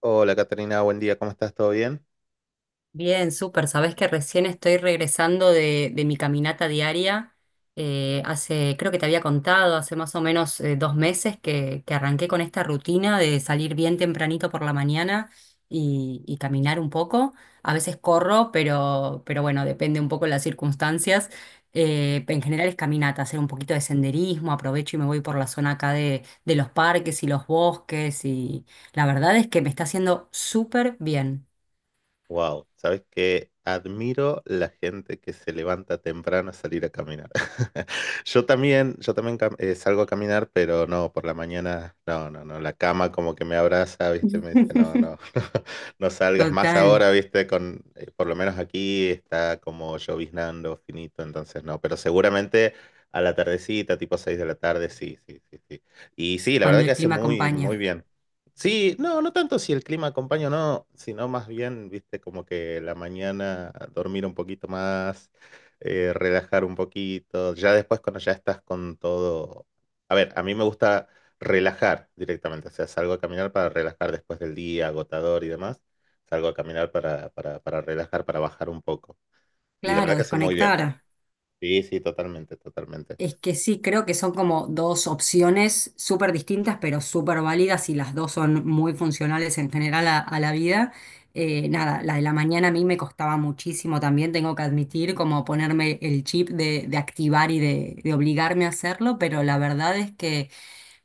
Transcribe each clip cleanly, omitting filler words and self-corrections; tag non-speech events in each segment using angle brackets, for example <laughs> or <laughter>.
Hola, Caterina, buen día, ¿cómo estás? ¿Todo bien? Bien, súper. Sabés que recién estoy regresando de mi caminata diaria. Hace, creo que te había contado, hace más o menos dos meses que arranqué con esta rutina de salir bien tempranito por la mañana y caminar un poco. A veces corro, pero bueno, depende un poco de las circunstancias. En general es caminata, hacer un poquito de senderismo, aprovecho y me voy por la zona acá de los parques y los bosques y la verdad es que me está haciendo súper bien. Wow, sabes que admiro la gente que se levanta temprano a salir a caminar. <laughs> Yo también salgo a caminar, pero no, por la mañana, no, no, no, la cama como que me abraza, ¿viste? Me dice, no, no, <laughs> <laughs> no, salgas más Total, ahora, ¿viste? Con, por lo menos aquí está como lloviznando finito, entonces no, pero seguramente a la tardecita, tipo 6 de la tarde, sí, sí, sí, sí. Y sí, la verdad cuando que el hace clima muy, acompaña. muy bien. Sí, no, no tanto si el clima acompaña o no, sino más bien, viste, como que la mañana dormir un poquito más, relajar un poquito, ya después cuando ya estás con todo. A ver, a mí me gusta relajar directamente, o sea, salgo a caminar para relajar después del día agotador y demás, salgo a caminar para relajar, para bajar un poco. Y la Claro, verdad que hace muy bien. desconectar. Sí, sí, totalmente, totalmente. Es que sí, creo que son como dos opciones súper distintas, pero súper válidas y las dos son muy funcionales en general a la vida. Nada, la de la mañana a mí me costaba muchísimo también, tengo que admitir, como ponerme el chip de activar y de obligarme a hacerlo, pero la verdad es que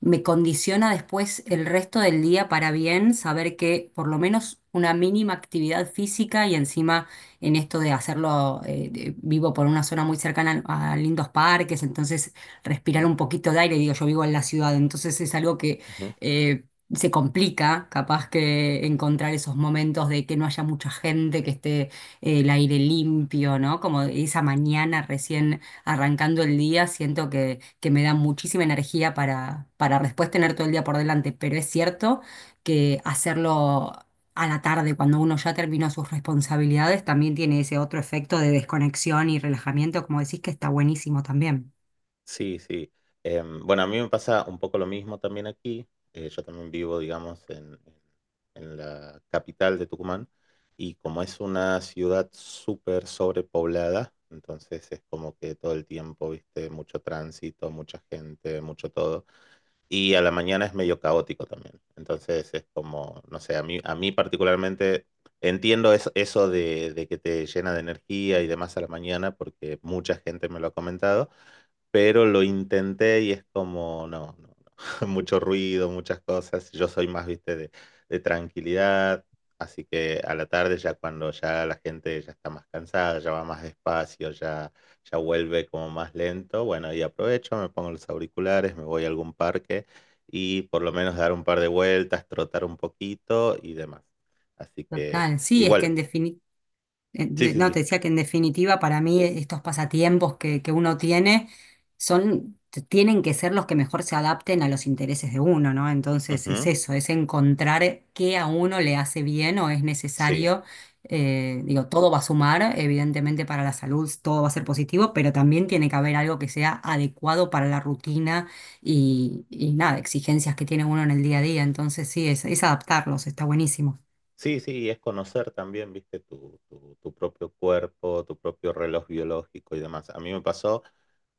me condiciona después el resto del día para bien saber que por lo menos una mínima actividad física y encima en esto de hacerlo, vivo por una zona muy cercana a lindos parques, entonces respirar un poquito de aire, digo, yo vivo en la ciudad, entonces es algo que Ujú. eh, se complica capaz que encontrar esos momentos de que no haya mucha gente, que esté el aire limpio, ¿no? Como esa mañana recién arrancando el día, siento que me da muchísima energía para después tener todo el día por delante, pero es cierto que hacerlo a la tarde, cuando uno ya terminó sus responsabilidades, también tiene ese otro efecto de desconexión y relajamiento, como decís, que está buenísimo también. Sí, sí. Bueno, a mí me pasa un poco lo mismo también aquí. Yo también vivo, digamos, en la capital de Tucumán y como es una ciudad súper sobrepoblada, entonces es como que todo el tiempo, viste, mucho tránsito, mucha gente, mucho todo y a la mañana es medio caótico también. Entonces es como, no sé, a mí particularmente entiendo eso de que te llena de energía y demás a la mañana porque mucha gente me lo ha comentado, pero lo intenté y es como, no, no, no. <laughs> Mucho ruido, muchas cosas. Yo soy más, viste, de tranquilidad. Así que a la tarde ya cuando ya la gente ya está más cansada, ya va más despacio, ya vuelve como más lento. Bueno, y aprovecho, me pongo los auriculares, me voy a algún parque y por lo menos dar un par de vueltas, trotar un poquito y demás. Así que Total, sí, es que igual, en definitiva sí, sí, no, te sí. decía que en definitiva para mí estos pasatiempos que uno tiene son, tienen que ser los que mejor se adapten a los intereses de uno, ¿no? Entonces es Ujú. eso, es encontrar qué a uno le hace bien o es Sí, necesario. Digo, todo va a sumar, evidentemente para la salud, todo va a ser positivo, pero también tiene que haber algo que sea adecuado para la rutina y nada, exigencias que tiene uno en el día a día. Entonces sí, es adaptarlos, está buenísimo. sí, sí, y es conocer también, viste, tu propio cuerpo, tu propio reloj biológico y demás. A mí me pasó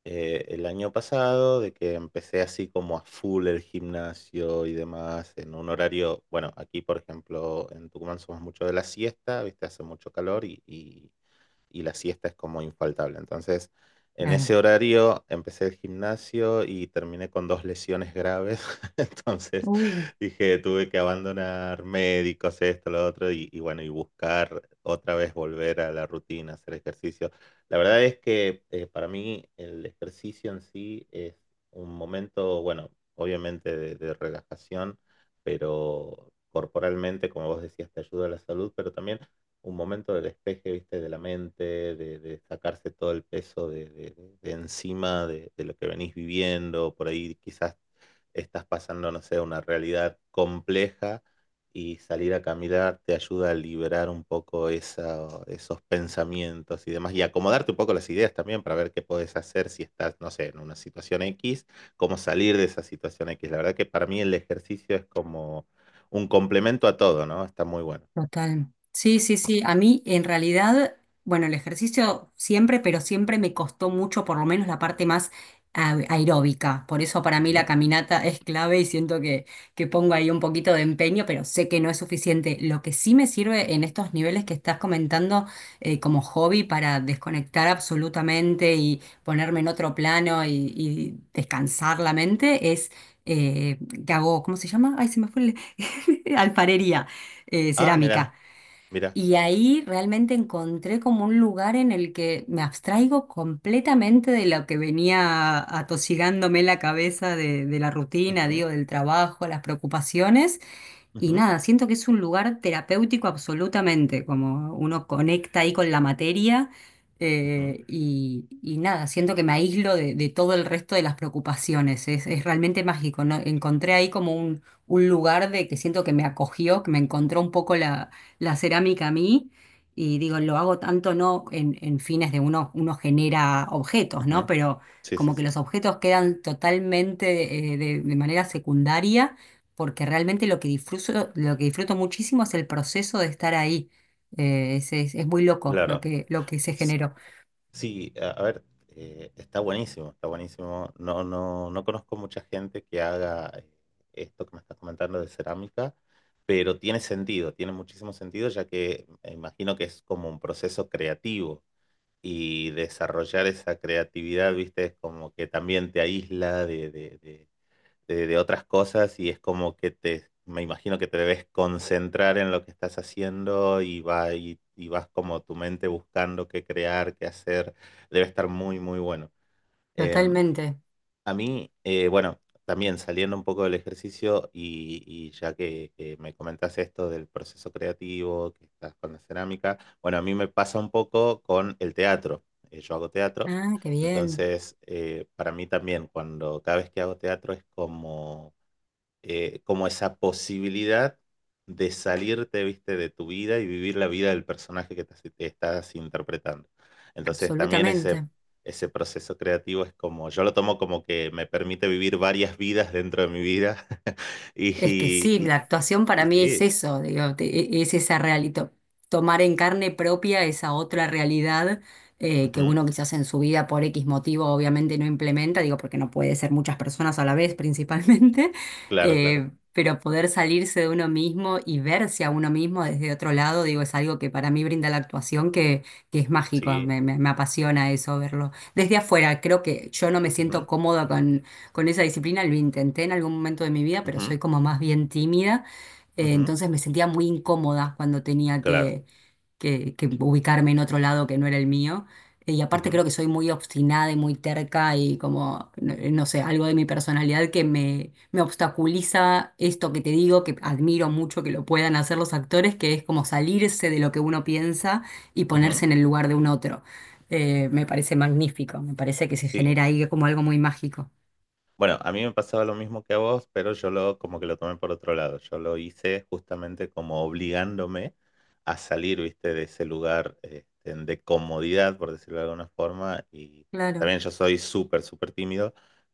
el año pasado, de que empecé así como a full el gimnasio y demás, en un horario, bueno, aquí por ejemplo en Tucumán somos mucho de la siesta, viste, hace mucho calor y la siesta es como infaltable. Entonces, en ese Claro. horario empecé el gimnasio y terminé con dos lesiones graves. <laughs> Entonces dije, tuve que abandonar médicos, esto, lo otro, y bueno, y buscar otra vez volver a la rutina, hacer ejercicio. La verdad es que para mí el ejercicio en sí es un momento, bueno, obviamente de relajación, pero corporalmente, como vos decías, te ayuda a la salud, pero también un momento del despeje, ¿viste? De la mente, de sacarse todo el peso de, de encima de lo que venís viviendo. Por ahí quizás estás pasando, no sé, una realidad compleja y salir a caminar te ayuda a liberar un poco esos pensamientos y demás, y acomodarte un poco las ideas también para ver qué podés hacer si estás, no sé, en una situación X, cómo salir de esa situación X. La verdad que para mí el ejercicio es como un complemento a todo, ¿no? Está muy bueno. Total. Sí, sí, sí. A mí en realidad, bueno, el ejercicio siempre, pero siempre me costó mucho, por lo menos la parte más aeróbica. Por eso para mí la Ujú. caminata es clave y siento que pongo ahí un poquito de empeño, pero sé que no es suficiente. Lo que sí me sirve en estos niveles que estás comentando como hobby para desconectar absolutamente y ponerme en otro plano y descansar la mente es... eh, que hago, ¿cómo se llama? Ay, se me fue <laughs> alfarería, Ah, mira. cerámica. Mira. Y ahí realmente encontré como un lugar en el que me abstraigo completamente de lo que venía atosigándome la cabeza de la rutina, Ujú, digo, del trabajo, las preocupaciones. Y ujú, nada, siento que es un lugar terapéutico absolutamente, como uno conecta ahí con la materia ujú, y nada, siento que me aíslo de todo el resto de las preocupaciones, es realmente mágico, ¿no? Encontré ahí como un lugar de que siento que me acogió, que me encontró un poco la, la cerámica a mí y digo, lo hago tanto no en, en fines de uno, uno genera objetos, ¿no? ujú. Pero Sí, sí, como que sí. los objetos quedan totalmente de manera secundaria porque realmente lo que disfruto muchísimo es el proceso de estar ahí. Es, es muy loco Claro. Lo que se S- generó. Sí, a ver, está buenísimo, está buenísimo. No, no, no conozco mucha gente que haga esto que me estás comentando de cerámica, pero tiene sentido, tiene muchísimo sentido, ya que me imagino que es como un proceso creativo y desarrollar esa creatividad, viste, es como que también te aísla de otras cosas y es como que te, me imagino que te debes concentrar en lo que estás haciendo y, va, y vas como tu mente buscando qué crear, qué hacer. Debe estar muy, muy bueno. Em, Totalmente. a mí, bueno, también saliendo un poco del ejercicio y ya que me comentas esto del proceso creativo, que estás con la cerámica, bueno, a mí me pasa un poco con el teatro. Yo hago teatro. Ah, qué bien. Entonces, para mí también, cuando cada vez que hago teatro es como como esa posibilidad de salirte, viste, de tu vida y vivir la vida del personaje que estás interpretando. Entonces también ese, Absolutamente. ese proceso creativo es como, yo lo tomo como que me permite vivir varias vidas dentro de mi vida <laughs> y, Es que sí, la actuación para y mí es sí, eso, digo, es esa realidad, tomar en carne propia esa otra realidad, que ujú, uno quizás en su vida por X motivo obviamente no implementa, digo, porque no puede ser muchas personas a la vez principalmente, <laughs> claro, claro, pero poder salirse de uno mismo y verse a uno mismo desde otro lado, digo, es algo que para mí brinda la actuación que es mágico, sí, me, me me apasiona eso verlo. Desde afuera, creo que yo no me siento ujú, cómoda con esa disciplina, lo intenté en algún momento de mi vida, pero soy como más bien tímida, ujú, ujú, entonces me sentía muy incómoda cuando tenía claro, que, que ubicarme en otro lado que no era el mío. Y aparte ujú, creo que soy muy obstinada y muy terca y como, no, no sé, algo de mi personalidad que me obstaculiza esto que te digo, que admiro mucho que lo puedan hacer los actores, que es como salirse de lo que uno piensa y ponerse ujú, en el lugar de un otro. Me parece magnífico, me parece que se sí. genera ahí como algo muy mágico. Bueno, a mí me pasaba lo mismo que a vos, pero yo lo como que lo tomé por otro lado. Yo lo hice justamente como obligándome a salir, viste, de ese lugar este, de comodidad, por decirlo de alguna forma. Y Claro. también yo soy súper, súper tímido,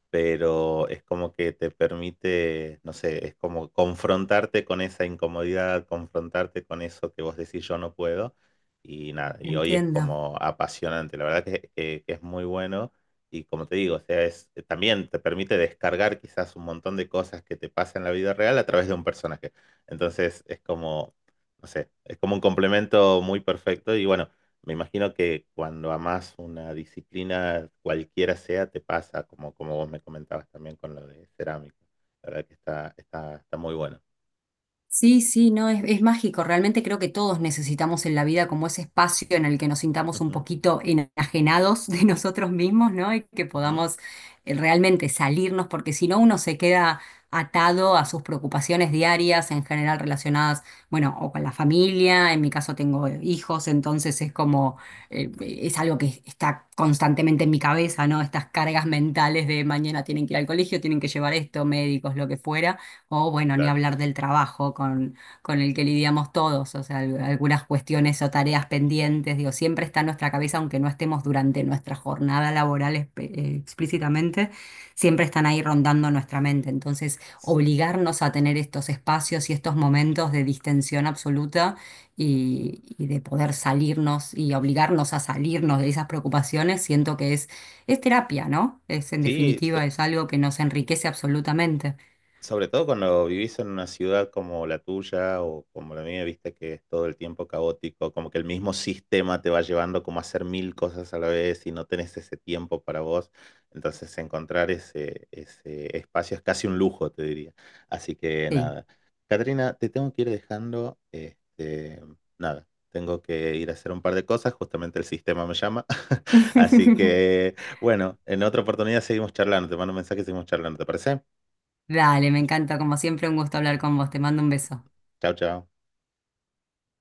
pero es como que te permite, no sé, es como confrontarte con esa incomodidad, confrontarte con eso que vos decís yo no puedo. Y nada, y hoy es Entiendo. como apasionante. La verdad que que es muy bueno. Y como te digo, o sea, es, también te permite descargar quizás un montón de cosas que te pasan en la vida real a través de un personaje. Entonces es como, no sé, es como un complemento muy perfecto. Y bueno, me imagino que cuando amas una disciplina, cualquiera sea, te pasa, como, como vos me comentabas también con lo de cerámica. La verdad que está, está, está muy bueno. Sí, sí, no, es mágico. Realmente creo que todos necesitamos en la vida como ese espacio en el que nos sintamos un Ujú, poquito enajenados de <laughs> nosotros mismos, ¿no? Y que ujú, podamos realmente salirnos, porque si no uno se queda atado a sus preocupaciones diarias, en general relacionadas, bueno, o con la familia, en mi caso tengo hijos, entonces es como, es algo que está constantemente en mi cabeza, ¿no? Estas cargas mentales de mañana tienen que ir al colegio, tienen que llevar esto, médicos, lo que fuera. O bueno, ni claro. hablar del trabajo con el que lidiamos todos, o sea, algunas cuestiones o tareas pendientes, digo, siempre está en nuestra cabeza, aunque no estemos durante nuestra jornada laboral explícitamente, siempre están ahí rondando nuestra mente. Entonces, obligarnos a tener estos espacios y estos momentos de distensión absoluta y de poder salirnos y obligarnos a salirnos de esas preocupaciones, siento que es terapia, ¿no? Es en Sí, definitiva, es algo que nos enriquece absolutamente. sobre todo cuando vivís en una ciudad como la tuya o como la mía, viste que es todo el tiempo caótico, como que el mismo sistema te va llevando como a hacer 1000 cosas a la vez y no tenés ese tiempo para vos. Entonces encontrar ese, ese espacio es casi un lujo, te diría. Así que Sí. nada. Catrina, te tengo que ir dejando. Este, nada, tengo que ir a hacer un par de cosas, justamente el sistema me llama. <laughs> Así <laughs> que bueno, en otra oportunidad seguimos charlando. Te mando un mensaje y seguimos charlando, ¿te parece? Dale, me encanta, como siempre, un gusto hablar con vos. Te mando un beso. Chao, chao.